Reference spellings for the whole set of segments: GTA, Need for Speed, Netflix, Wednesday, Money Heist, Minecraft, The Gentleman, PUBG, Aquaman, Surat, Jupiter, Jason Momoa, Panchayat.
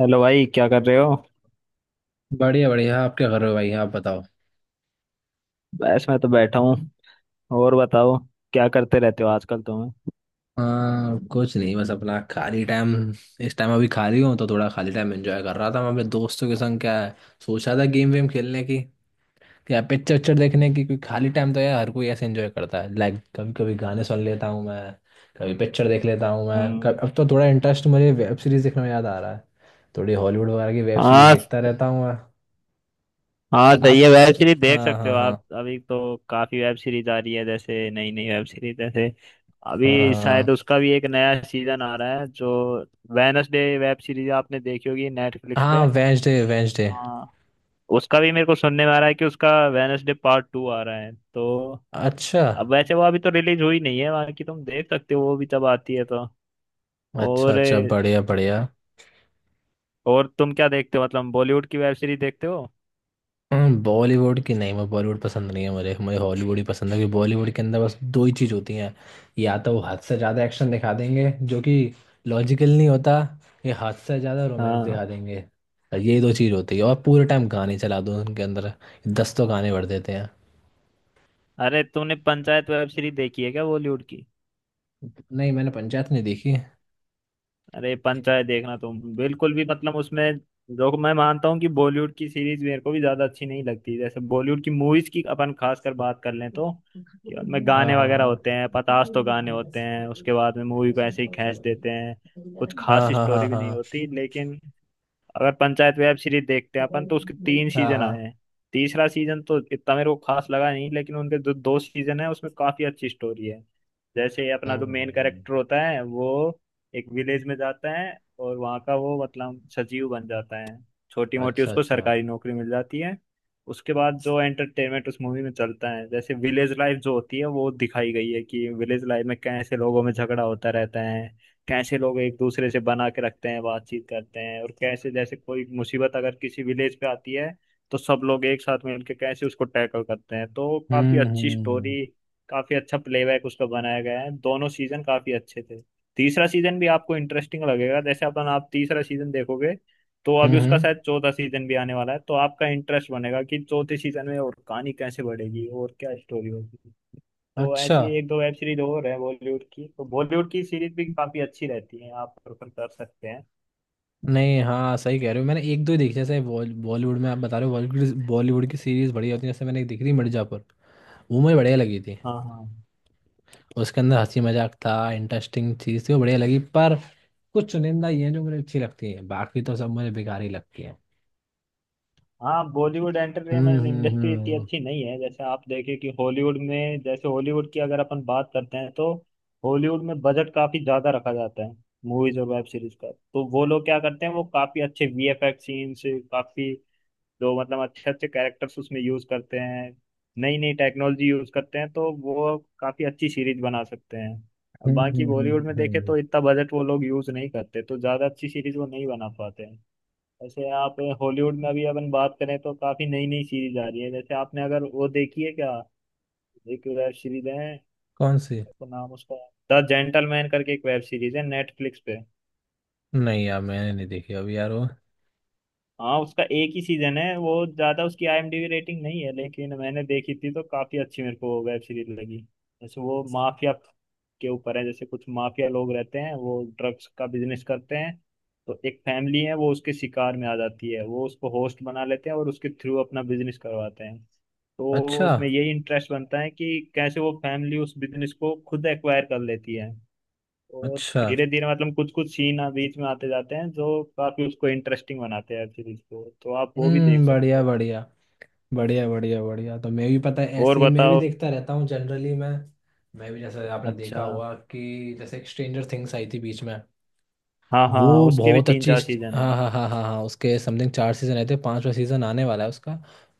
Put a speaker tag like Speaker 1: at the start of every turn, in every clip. Speaker 1: Hello भाई, क्या कर रहे हो।
Speaker 2: बढ़िया बढ़िया आप क्या कर रहे हो भाई? आप बताओ।
Speaker 1: बस मैं तो बैठा हूँ। और बताओ, क्या करते रहते हो आजकल तुम्हें।
Speaker 2: हाँ कुछ नहीं बस अपना खाली टाइम, इस टाइम अभी खाली हूँ तो थोड़ा खाली टाइम एंजॉय कर रहा था मैं अपने दोस्तों के संग, क्या है, सोचा था गेम वेम खेलने की या पिक्चर उच्चर देखने की, क्योंकि खाली टाइम तो यार हर कोई ऐसे एंजॉय करता है। लाइक कभी कभी गाने सुन लेता हूँ मैं, कभी पिक्चर देख लेता हूँ मैं कभी।
Speaker 1: हम्म।
Speaker 2: अब तो थोड़ा इंटरेस्ट मुझे वेब सीरीज देखने में याद आ रहा है। थोड़ी हॉलीवुड वगैरह की वेब सीरीज
Speaker 1: हाँ
Speaker 2: देखता रहता हूँ मैं।
Speaker 1: हाँ, सही
Speaker 2: आप।
Speaker 1: है, वेब सीरीज देख
Speaker 2: हाँ
Speaker 1: सकते हो
Speaker 2: हाँ
Speaker 1: आप।
Speaker 2: हाँ।
Speaker 1: अभी तो काफी वेब सीरीज आ रही है, जैसे नई नई वेब सीरीज। जैसे
Speaker 2: हाँ
Speaker 1: अभी शायद
Speaker 2: हाँ
Speaker 1: उसका भी एक नया सीजन आ रहा है, जो वेनसडे वेब सीरीज आपने देखी होगी नेटफ्लिक्स
Speaker 2: हाँ
Speaker 1: पे।
Speaker 2: Wednesday Wednesday.
Speaker 1: हाँ, उसका भी मेरे को सुनने में आ रहा है कि उसका वेनसडे पार्ट 2 आ रहा है तो।
Speaker 2: अच्छा।
Speaker 1: अब वैसे वो अभी तो रिलीज हुई नहीं है, बाकी तुम देख सकते हो वो भी जब आती है तो।
Speaker 2: अच्छा
Speaker 1: और
Speaker 2: अच्छा बढ़िया बढ़िया।
Speaker 1: और तुम क्या देखते हो, मतलब बॉलीवुड की वेब सीरीज देखते हो।
Speaker 2: बॉलीवुड की नहीं, मैं बॉलीवुड पसंद नहीं है मुझे। मुझे हॉलीवुड ही पसंद है क्योंकि बॉलीवुड के अंदर बस दो ही चीज़ होती हैं। या तो वो हद से ज़्यादा एक्शन दिखा देंगे जो कि लॉजिकल नहीं होता, या हद से ज़्यादा रोमांस दिखा
Speaker 1: हाँ।
Speaker 2: देंगे। ये दो चीज़ होती है, और पूरे टाइम गाने चला दो उनके अंदर, 10 तो गाने भर देते हैं।
Speaker 1: अरे, तुमने पंचायत वेब सीरीज देखी है क्या, बॉलीवुड की।
Speaker 2: नहीं, मैंने पंचायत नहीं देखी।
Speaker 1: अरे, पंचायत देखना तुम बिल्कुल भी, मतलब उसमें, जो मैं मानता हूँ कि बॉलीवुड की सीरीज मेरे को भी ज्यादा अच्छी नहीं लगती, जैसे बॉलीवुड की मूवीज की अपन खास कर बात कर लें तो कि उनमें
Speaker 2: हाँ
Speaker 1: गाने वगैरह होते
Speaker 2: हाँ
Speaker 1: हैं, पतास तो गाने होते हैं, उसके बाद में मूवी को ऐसे ही खींच देते हैं, कुछ
Speaker 2: हाँ
Speaker 1: खास
Speaker 2: हाँ हाँ हाँ
Speaker 1: स्टोरी भी नहीं
Speaker 2: हाँ
Speaker 1: होती। लेकिन अगर पंचायत वेब सीरीज देखते हैं अपन, तो उसके तीन
Speaker 2: हाँ हाँ
Speaker 1: सीजन आए
Speaker 2: हाँ।
Speaker 1: हैं। तीसरा सीजन तो इतना मेरे को खास लगा नहीं, लेकिन उनके जो दो सीजन है उसमें काफी अच्छी स्टोरी है। जैसे अपना जो
Speaker 2: हम्म,
Speaker 1: मेन
Speaker 2: हम्म।
Speaker 1: कैरेक्टर होता है, वो एक विलेज में जाता है और वहाँ का वो, मतलब, सचिव बन जाता है, छोटी मोटी
Speaker 2: अच्छा
Speaker 1: उसको
Speaker 2: अच्छा।
Speaker 1: सरकारी नौकरी मिल जाती है। उसके बाद जो एंटरटेनमेंट उस मूवी में चलता है, जैसे विलेज लाइफ जो होती है वो दिखाई गई है, कि विलेज लाइफ में कैसे लोगों में झगड़ा होता रहता है, कैसे लोग एक दूसरे से बना के रखते हैं, बातचीत करते हैं, और कैसे जैसे कोई मुसीबत अगर किसी विलेज पे आती है तो सब लोग एक साथ मिलकर कैसे उसको टैकल करते हैं। तो काफी
Speaker 2: हम्म
Speaker 1: अच्छी
Speaker 2: हम्म
Speaker 1: स्टोरी, काफी अच्छा प्लेबैक उसका बनाया गया है, दोनों सीजन काफी अच्छे थे। तीसरा सीजन भी आपको इंटरेस्टिंग लगेगा, जैसे अपन आप तीसरा सीजन देखोगे तो।
Speaker 2: हम्म
Speaker 1: अभी उसका
Speaker 2: हम्म।
Speaker 1: शायद चौथा सीजन भी आने वाला है, तो आपका इंटरेस्ट बनेगा कि चौथे सीजन में और कहानी कैसे बढ़ेगी और क्या स्टोरी होगी। तो
Speaker 2: अच्छा।
Speaker 1: ऐसे एक दो वेब सीरीज और है बॉलीवुड की, तो बॉलीवुड की सीरीज भी काफी अच्छी रहती है, आप प्रेफर कर सकते हैं।
Speaker 2: नहीं, हाँ सही कह रहे हो, मैंने एक दो ही देखी। जैसे बॉलीवुड में आप बता रहे हो, बॉलीवुड बॉलीवुड की सीरीज बढ़िया होती है। जैसे मैंने एक देखी थी, मिर्जापुर, वो मुझे बढ़िया लगी थी।
Speaker 1: हाँ हाँ
Speaker 2: उसके अंदर हंसी मजाक था, इंटरेस्टिंग चीज थी, वो बढ़िया लगी। पर कुछ चुनिंदा ये हैं जो मुझे अच्छी लगती है, बाकी तो सब मुझे बेकार ही लगती है।
Speaker 1: हाँ। बॉलीवुड
Speaker 2: हम्म
Speaker 1: एंटरटेनमेंट
Speaker 2: हम्म
Speaker 1: इंडस्ट्री इतनी
Speaker 2: हम्म
Speaker 1: अच्छी नहीं है, जैसे आप देखें कि हॉलीवुड में, जैसे हॉलीवुड की अगर अपन बात करते हैं तो हॉलीवुड में बजट काफी ज्यादा रखा जाता है मूवीज और वेब सीरीज का। तो वो लोग क्या करते हैं, वो काफी अच्छे वीएफएक्स सीन्स, काफी, जो मतलब अच्छे अच्छे कैरेक्टर्स उसमें यूज करते हैं, नई नई टेक्नोलॉजी यूज करते हैं, तो वो काफी अच्छी सीरीज बना सकते हैं।
Speaker 2: हम्म
Speaker 1: बाकी
Speaker 2: हम्म,
Speaker 1: बॉलीवुड में
Speaker 2: हम्म,
Speaker 1: देखे
Speaker 2: हम्म।
Speaker 1: तो इतना बजट वो लोग यूज नहीं करते, तो ज्यादा अच्छी सीरीज वो नहीं बना पाते हैं। ऐसे आप हॉलीवुड में अभी अपन बात करें तो काफी नई नई सीरीज आ रही है। जैसे आपने अगर वो देखी है क्या, एक वेब सीरीज है,
Speaker 2: कौन सी?
Speaker 1: तो नाम उसका द जेंटलमैन करके एक वेब सीरीज है नेटफ्लिक्स पे।
Speaker 2: नहीं यार मैंने नहीं देखी अभी यार वो।
Speaker 1: हाँ, उसका एक ही सीजन है, वो ज्यादा उसकी आईएमडीबी रेटिंग नहीं है, लेकिन मैंने देखी थी तो काफी अच्छी मेरे को वेब सीरीज लगी। जैसे वो माफिया के ऊपर है, जैसे कुछ माफिया लोग रहते हैं, वो ड्रग्स का बिजनेस करते हैं, तो एक फैमिली है वो उसके शिकार में आ जाती है, वो उसको होस्ट बना लेते हैं और उसके थ्रू अपना बिजनेस करवाते हैं। तो
Speaker 2: अच्छा।
Speaker 1: उसमें यही इंटरेस्ट बनता है कि कैसे वो फैमिली उस बिजनेस को खुद एक्वायर कर लेती है। तो
Speaker 2: अच्छा।
Speaker 1: धीरे धीरे, मतलब कुछ कुछ सीन, हाँ, बीच में आते जाते हैं जो काफी उसको इंटरेस्टिंग बनाते हैं सीरीज को, तो आप वो भी
Speaker 2: हम्म,
Speaker 1: देख सकते
Speaker 2: बढ़िया
Speaker 1: हो।
Speaker 2: बढ़िया बढ़िया बढ़िया बढ़िया, तो मैं भी पता है
Speaker 1: और
Speaker 2: ऐसे ही मैं भी
Speaker 1: बताओ।
Speaker 2: देखता रहता हूँ जनरली मैं। मैं भी, जैसे आपने
Speaker 1: अच्छा।
Speaker 2: देखा होगा कि जैसे एक स्ट्रेंजर थिंग्स आई थी बीच में,
Speaker 1: हाँ
Speaker 2: वो
Speaker 1: हाँ, उसके भी
Speaker 2: बहुत
Speaker 1: तीन
Speaker 2: अच्छी
Speaker 1: चार सीजन है।
Speaker 2: हाँ हाँ हाँ हाँ हाँ, उसके समथिंग चार सीजन आए थे, पांचवा सीजन आने वाला है उसका।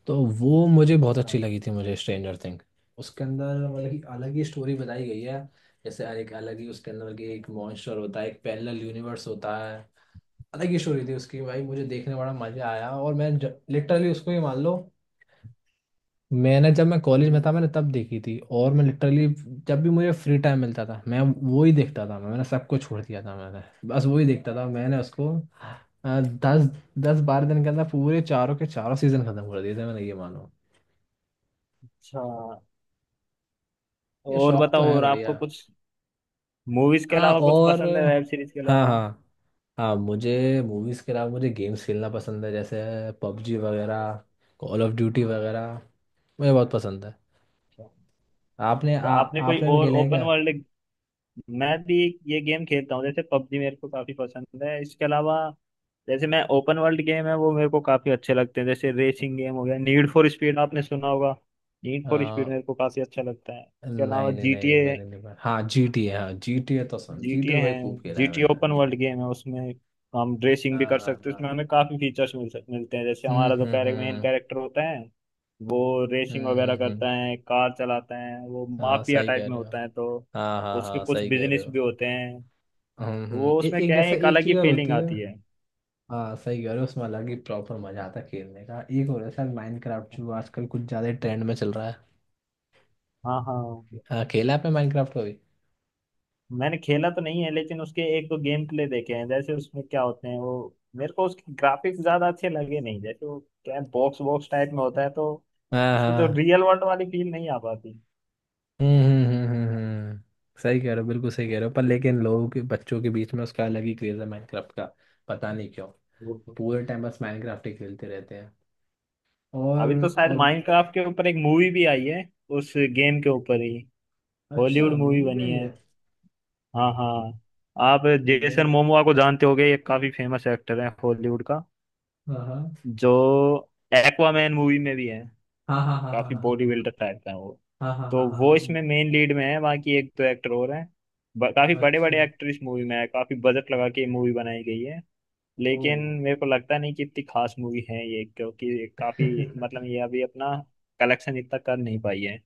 Speaker 2: तो वो मुझे बहुत
Speaker 1: अच्छा।
Speaker 2: अच्छी लगी थी मुझे, स्ट्रेंजर थिंग। उसके अंदर मतलब कि अलग ही स्टोरी बताई गई है। जैसे एक अलग ही उसके अंदर की एक मॉन्स्टर होता है, एक पैरेलल यूनिवर्स होता है। अलग ही स्टोरी थी उसकी भाई, मुझे देखने में बड़ा मजा आया। और मैं लिटरली उसको ये मान लो, मैंने, जब मैं कॉलेज में
Speaker 1: हम्म।
Speaker 2: था मैंने तब देखी थी, और मैं लिटरली जब भी मुझे फ्री टाइम मिलता था, मैं वो ही देखता था, मैंने सब कुछ छोड़ दिया था मैंने, बस वो ही देखता था मैंने उसको। अ, दस 10-12 दिन के अंदर पूरे चारों के चारों सीजन खत्म कर दिए थे मैंने, ये मानो।
Speaker 1: अच्छा।
Speaker 2: ये
Speaker 1: और
Speaker 2: शौक तो
Speaker 1: बताओ,
Speaker 2: है
Speaker 1: और
Speaker 2: बढ़िया।
Speaker 1: आपको कुछ मूवीज के अलावा कुछ
Speaker 2: और,
Speaker 1: पसंद है, वेब सीरीज के
Speaker 2: हाँ
Speaker 1: अलावा।
Speaker 2: हाँ। हाँ मुझे मूवीज के अलावा मुझे गेम्स खेलना पसंद है, जैसे पबजी वगैरह, कॉल ऑफ ड्यूटी वगैरह, मुझे बहुत पसंद है।
Speaker 1: अच्छा।
Speaker 2: आपने
Speaker 1: तो
Speaker 2: आ,
Speaker 1: आपने कोई
Speaker 2: आपने भी
Speaker 1: और
Speaker 2: खेले हैं
Speaker 1: ओपन वर्ल्ड, मैं भी ये गेम खेलता हूँ, जैसे पबजी मेरे को काफी पसंद है। इसके अलावा, जैसे मैं, ओपन वर्ल्ड गेम है वो मेरे को काफी अच्छे लगते हैं, जैसे रेसिंग गेम हो गया, नीड फॉर स्पीड आपने सुना होगा। नीड
Speaker 2: क्या?
Speaker 1: फॉर स्पीड मेरे को काफी अच्छा लगता है। इसके अलावा
Speaker 2: नहीं नहीं नहीं,
Speaker 1: जीटीए,
Speaker 2: मैंने नहीं पढ़ा। हाँ जी टी है, तो सुन जी टी
Speaker 1: जीटीए है।
Speaker 2: भाई खूब खेला है
Speaker 1: जीटीए ओपन
Speaker 2: मैंने।
Speaker 1: वर्ल्ड गेम है, उसमें हम रेसिंग भी
Speaker 2: हाँ
Speaker 1: कर
Speaker 2: हाँ
Speaker 1: सकते हैं,
Speaker 2: हाँ,
Speaker 1: उसमें हमें काफी फीचर्स मिलते हैं। जैसे
Speaker 2: हम्म
Speaker 1: हमारा जो
Speaker 2: हम्म
Speaker 1: कैरेक्टर, मेन
Speaker 2: हम्म
Speaker 1: कैरेक्टर होता है, वो रेसिंग
Speaker 2: हम्म
Speaker 1: वगैरह
Speaker 2: हम्म हम्म,
Speaker 1: करता है, कार चलाता है, वो
Speaker 2: हाँ
Speaker 1: माफिया
Speaker 2: सही
Speaker 1: टाइप
Speaker 2: कह
Speaker 1: में
Speaker 2: रहे हो।
Speaker 1: होता है, तो
Speaker 2: हाँ हाँ
Speaker 1: उसके
Speaker 2: हाँ
Speaker 1: कुछ
Speaker 2: सही कह रहे
Speaker 1: बिजनेस
Speaker 2: हो।
Speaker 1: भी होते हैं, तो
Speaker 2: हम्म,
Speaker 1: वो उसमें
Speaker 2: एक,
Speaker 1: क्या है,
Speaker 2: जैसे
Speaker 1: एक
Speaker 2: एक
Speaker 1: अलग ही
Speaker 2: चीज़ और
Speaker 1: फीलिंग
Speaker 2: होती है।
Speaker 1: आती है।
Speaker 2: हाँ सही कह रहे हो, उसमें अलग ही प्रॉपर मजा आता है खेलने का। एक और है सर, माइनक्राफ्ट, जो आजकल कुछ ज्यादा ट्रेंड में चल रहा है।
Speaker 1: हाँ हाँ,
Speaker 2: हाँ, खेला है आपने माइनक्राफ्ट को भी?
Speaker 1: मैंने खेला तो नहीं है लेकिन उसके एक दो गेम प्ले देखे हैं। जैसे उसमें क्या होते हैं वो, मेरे को उसके ग्राफिक्स ज्यादा अच्छे लगे नहीं, जैसे वो क्या, बॉक्स बॉक्स टाइप में होता है, तो
Speaker 2: हाँ
Speaker 1: उसमें तो
Speaker 2: हाँ।
Speaker 1: रियल वर्ल्ड वाली फील नहीं आ पाती।
Speaker 2: सही कह रहे हो, बिल्कुल सही कह रहे हो। पर लेकिन लोगों के बच्चों के बीच में उसका अलग ही क्रेज है माइनक्राफ्ट का, पता नहीं क्यों।
Speaker 1: बिल्कुल।
Speaker 2: पूरे टाइम बस माइनक्राफ्ट ही खेलते रहते हैं।
Speaker 1: अभी तो
Speaker 2: और।
Speaker 1: शायद
Speaker 2: और।
Speaker 1: माइनक्राफ्ट के ऊपर एक मूवी भी आई है, उस गेम के ऊपर ही हॉलीवुड
Speaker 2: अच्छा,
Speaker 1: मूवी
Speaker 2: मूवी में
Speaker 1: बनी
Speaker 2: ही है?
Speaker 1: है। हाँ हाँ। आप जेसन
Speaker 2: मेरे,
Speaker 1: मोमोआ को जानते होगे, ये काफी फेमस एक्टर है हॉलीवुड का,
Speaker 2: हाँ हाँ।
Speaker 1: जो एक्वामैन मूवी में भी है,
Speaker 2: हाँ हाँ
Speaker 1: काफी
Speaker 2: हाँ
Speaker 1: बॉडी बिल्डर टाइप का है वो।
Speaker 2: हाँ हाँ हाँ
Speaker 1: तो
Speaker 2: हाँ हाँ
Speaker 1: वो
Speaker 2: हाँ,
Speaker 1: इसमें मेन लीड में है, बाकी एक दो एक्टर और हैं। काफी बड़े बड़े
Speaker 2: अच्छा,
Speaker 1: एक्टर इस मूवी में है, काफी बजट लगा के मूवी बनाई गई है। लेकिन
Speaker 2: ओ
Speaker 1: मेरे को लगता नहीं कि इतनी खास मूवी है ये, क्योंकि काफी, मतलब ये अभी अपना कलेक्शन इतना कर नहीं पाई है।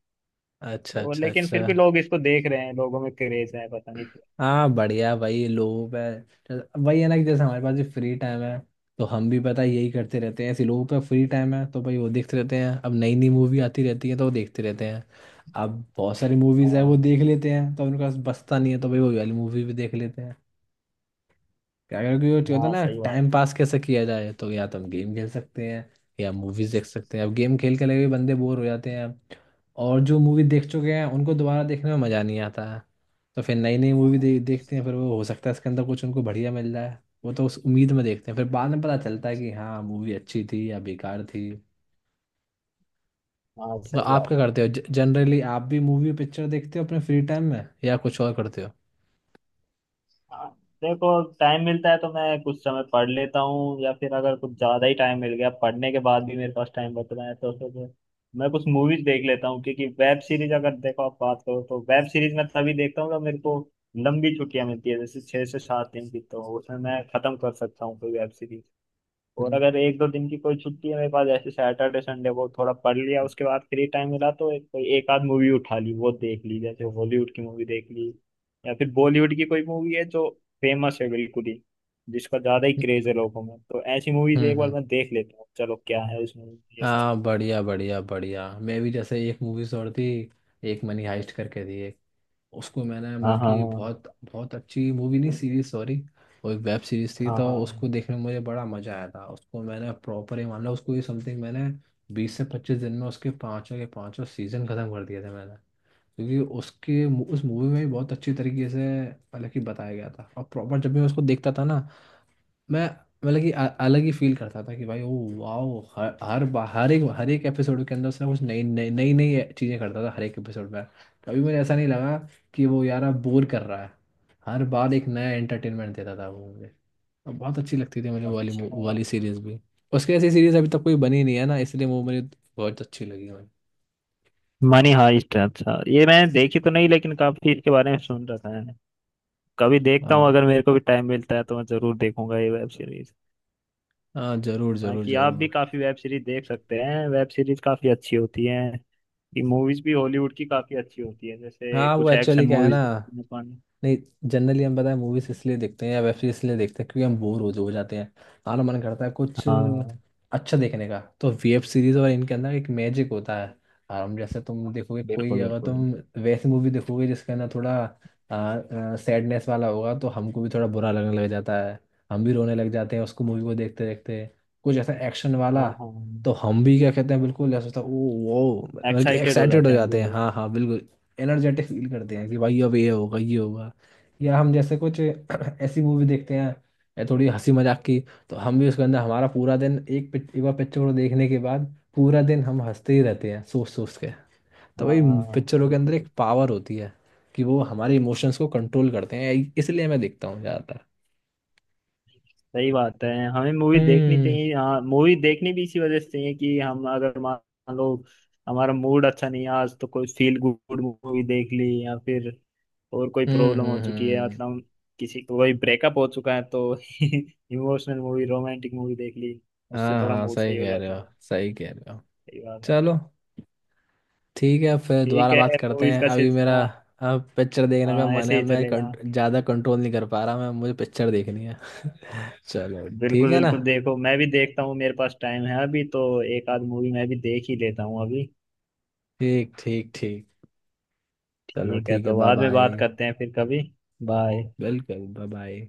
Speaker 2: अच्छा
Speaker 1: और
Speaker 2: अच्छा
Speaker 1: लेकिन
Speaker 2: अच्छा।
Speaker 1: फिर भी लोग इसको देख रहे हैं, लोगों में क्रेज है, पता नहीं क्या।
Speaker 2: हाँ बढ़िया भाई, लोगों पे। वही है ना, कि जैसे हमारे पास भी फ्री टाइम है, तो हम भी पता है यही करते रहते हैं। ऐसे लोगों पे फ्री टाइम है तो भाई वो देखते रहते हैं, अब नई नई मूवी आती रहती है तो वो देखते रहते हैं। अब बहुत सारी मूवीज है वो
Speaker 1: हाँ।
Speaker 2: देख लेते हैं तो उनके पास बचता नहीं है, तो भाई वो वाली मूवी भी देख लेते हैं। क्या, क्योंकि वो होता है
Speaker 1: हाँ
Speaker 2: ना
Speaker 1: सही बात।
Speaker 2: टाइम पास कैसे किया जाए, तो या तो हम गेम खेल सकते हैं या मूवीज देख सकते हैं। अब गेम खेल के लगे बंदे बोर हो जाते हैं, और जो मूवी देख चुके हैं उनको दोबारा देखने में मज़ा नहीं आता है, तो फिर नई नई मूवी देखते हैं। फिर वो हो सकता है इसके अंदर कुछ उनको बढ़िया मिल जाए, वो तो उस उम्मीद में देखते हैं, फिर बाद में पता चलता है कि हाँ मूवी अच्छी थी या बेकार थी।
Speaker 1: हाँ
Speaker 2: तो
Speaker 1: सही
Speaker 2: आप क्या
Speaker 1: बात।
Speaker 2: करते हो, जनरली आप भी मूवी पिक्चर देखते हो अपने फ्री टाइम में या कुछ और करते हो?
Speaker 1: हाँ, देखो, टाइम मिलता है तो मैं कुछ समय पढ़ लेता हूँ, या फिर अगर कुछ ज्यादा ही टाइम मिल गया पढ़ने के बाद भी मेरे पास टाइम बच रहा है तो फिर मैं कुछ मूवीज देख लेता हूँ, क्योंकि वेब सीरीज अगर देखो, आप बात करो तो, वेब सीरीज मैं तभी देखता हूँ जब मेरे को लंबी छुट्टियां मिलती है, जैसे 6 से 7 दिन की, तो उसमें मैं खत्म कर सकता हूँ कोई वेब सीरीज। और अगर एक दो दिन की कोई छुट्टी है मेरे पास, जैसे सैटरडे संडे, वो थोड़ा पढ़ लिया, उसके बाद फ्री टाइम मिला, तो कोई एक आध मूवी उठा ली, वो देख ली, जैसे हॉलीवुड की मूवी देख ली या फिर बॉलीवुड की कोई मूवी है जो फेमस है बिल्कुल ही, जिसका ज्यादा ही
Speaker 2: हम्म
Speaker 1: क्रेज है लोगों में, तो ऐसी मूवीज एक बार
Speaker 2: हम्म।
Speaker 1: मैं देख लेता हूँ, चलो क्या है उस मूवी में ये सब।
Speaker 2: हाँ बढ़िया बढ़िया बढ़िया, मैं भी, जैसे एक मूवीज और थी, एक मनी हाइस्ट करके थी एक। उसको मैंने,
Speaker 1: हाँ
Speaker 2: मतलब
Speaker 1: हाँ
Speaker 2: कि बहुत बहुत अच्छी मूवी, नहीं सीरीज सॉरी, वो एक वेब सीरीज थी,
Speaker 1: हाँ
Speaker 2: तो उसको
Speaker 1: हाँ।
Speaker 2: देखने में मुझे बड़ा मजा आया था। उसको मैंने प्रॉपर ही, मान लो उसको ये समथिंग मैंने 20 से 25 दिन में उसके पांचों के पांचों सीजन खत्म कर दिए थे मैंने। क्योंकि उसके, उस मूवी में भी बहुत अच्छी तरीके से, मतलब कि बताया गया था। और प्रॉपर जब भी मैं उसको देखता था ना, मैं, मतलब कि अलग ही फील करता था, कि भाई ओ वाओ। हर हर हर एक, हर एक एपिसोड के अंदर उसने कुछ नई नई नई नई चीज़ें करता था हर एक एपिसोड में। कभी मुझे ऐसा नहीं लगा कि वो यार अब बोर कर रहा है। हर बार एक नया एंटरटेनमेंट देता था वो मुझे, और बहुत अच्छी लगती थी मुझे वो वाली
Speaker 1: अच्छा,
Speaker 2: वो वाली सीरीज भी। उसकी ऐसी सीरीज अभी तक कोई बनी नहीं है ना, इसलिए वो मुझे बहुत अच्छी लगी मुझे।
Speaker 1: मनी हाइस्ट, अच्छा, ये मैंने देखी तो नहीं लेकिन काफी इसके बारे में सुन रखा है। कभी देखता हूँ,
Speaker 2: हाँ
Speaker 1: अगर मेरे को भी टाइम मिलता है तो मैं जरूर देखूंगा ये वेब सीरीज।
Speaker 2: हाँ, जरूर जरूर
Speaker 1: बाकी आप
Speaker 2: जरूर।
Speaker 1: भी काफी वेब सीरीज देख सकते हैं, वेब सीरीज काफी अच्छी होती हैं, कि मूवीज भी हॉलीवुड की काफी अच्छी होती है, जैसे
Speaker 2: हाँ वो
Speaker 1: कुछ
Speaker 2: एक्चुअली
Speaker 1: एक्शन
Speaker 2: क्या है ना,
Speaker 1: मूवीज देखने को
Speaker 2: नहीं जनरली हम पता है मूवीज इसलिए देखते हैं या वेब सीरीज इसलिए देखते हैं क्योंकि हम बोर हो जाते हैं। हमारा मन करता है कुछ
Speaker 1: हाँ
Speaker 2: अच्छा देखने का, तो वेब सीरीज और इनके अंदर एक मैजिक होता है। और हम, जैसे तुम देखोगे कोई,
Speaker 1: बिल्कुल
Speaker 2: अगर
Speaker 1: बिल्कुल।
Speaker 2: तुम वैसी मूवी देखोगे जिसके अंदर थोड़ा सैडनेस वाला होगा, तो हमको भी थोड़ा बुरा लगने लग जाता है, हम भी रोने लग जाते हैं उसको, मूवी को देखते देखते। कुछ ऐसा एक्शन
Speaker 1: हाँ
Speaker 2: वाला,
Speaker 1: हाँ,
Speaker 2: तो हम भी क्या कहते हैं, बिल्कुल ऐसा होता है ओ, वो बल्कि
Speaker 1: एक्साइटेड हो
Speaker 2: एक्साइटेड हो
Speaker 1: जाते हैं हम भी
Speaker 2: जाते हैं। हाँ
Speaker 1: बहुत।
Speaker 2: हाँ बिल्कुल, एनर्जेटिक फील करते हैं, कि भाई अब ये होगा ये होगा। या हम, जैसे कुछ ऐसी मूवी देखते हैं या थोड़ी हंसी मजाक की, तो हम भी उसके अंदर, हमारा पूरा दिन एक एक बार पिक्चर को देखने के बाद पूरा दिन हम हंसते ही रहते हैं सोच सोच के। तो भाई
Speaker 1: हाँ
Speaker 2: पिक्चरों के अंदर एक
Speaker 1: बिल्कुल।
Speaker 2: पावर होती है, कि वो हमारे इमोशंस को कंट्रोल करते हैं, इसलिए मैं देखता हूँ ज़्यादातर।
Speaker 1: सही बात है, हमें मूवी देखनी
Speaker 2: हम्म
Speaker 1: चाहिए, हाँ मूवी देखनी भी इसी वजह से चाहिए कि हम अगर मान लो हमारा मूड अच्छा नहीं है आज, तो कोई फील गुड मूवी देख ली, या फिर और कोई
Speaker 2: हम्म
Speaker 1: प्रॉब्लम हो
Speaker 2: हम्म
Speaker 1: चुकी है,
Speaker 2: हम्म।
Speaker 1: मतलब किसी को कोई ब्रेकअप हो चुका है तो इमोशनल मूवी, रोमांटिक मूवी देख ली, उससे
Speaker 2: हाँ
Speaker 1: थोड़ा
Speaker 2: हाँ
Speaker 1: मूड
Speaker 2: सही
Speaker 1: सही हो
Speaker 2: कह रहे
Speaker 1: जाता
Speaker 2: हो,
Speaker 1: है।
Speaker 2: सही कह रहे हो।
Speaker 1: सही बात है।
Speaker 2: चलो ठीक है, फिर
Speaker 1: ठीक
Speaker 2: दोबारा
Speaker 1: है।
Speaker 2: बात करते
Speaker 1: मूवीज
Speaker 2: हैं,
Speaker 1: का
Speaker 2: अभी मेरा
Speaker 1: सिलसिला।
Speaker 2: अब पिक्चर देखने का
Speaker 1: हाँ,
Speaker 2: मन
Speaker 1: ऐसे
Speaker 2: है।
Speaker 1: ही
Speaker 2: मैं
Speaker 1: चलेगा।
Speaker 2: ज़्यादा कंट्रोल नहीं कर पा रहा मैं, मुझे पिक्चर देखनी है। चलो ठीक
Speaker 1: बिल्कुल
Speaker 2: है ना।
Speaker 1: बिल्कुल, देखो मैं भी देखता हूँ, मेरे पास टाइम है अभी, तो एक आध मूवी मैं भी देख ही लेता हूँ अभी।
Speaker 2: ठीक ठीक ठीक, चलो
Speaker 1: ठीक है,
Speaker 2: ठीक है,
Speaker 1: तो
Speaker 2: बाय
Speaker 1: बाद में बात
Speaker 2: बाय।
Speaker 1: करते हैं फिर कभी। बाय।
Speaker 2: बिल्कुल, बाय बाय।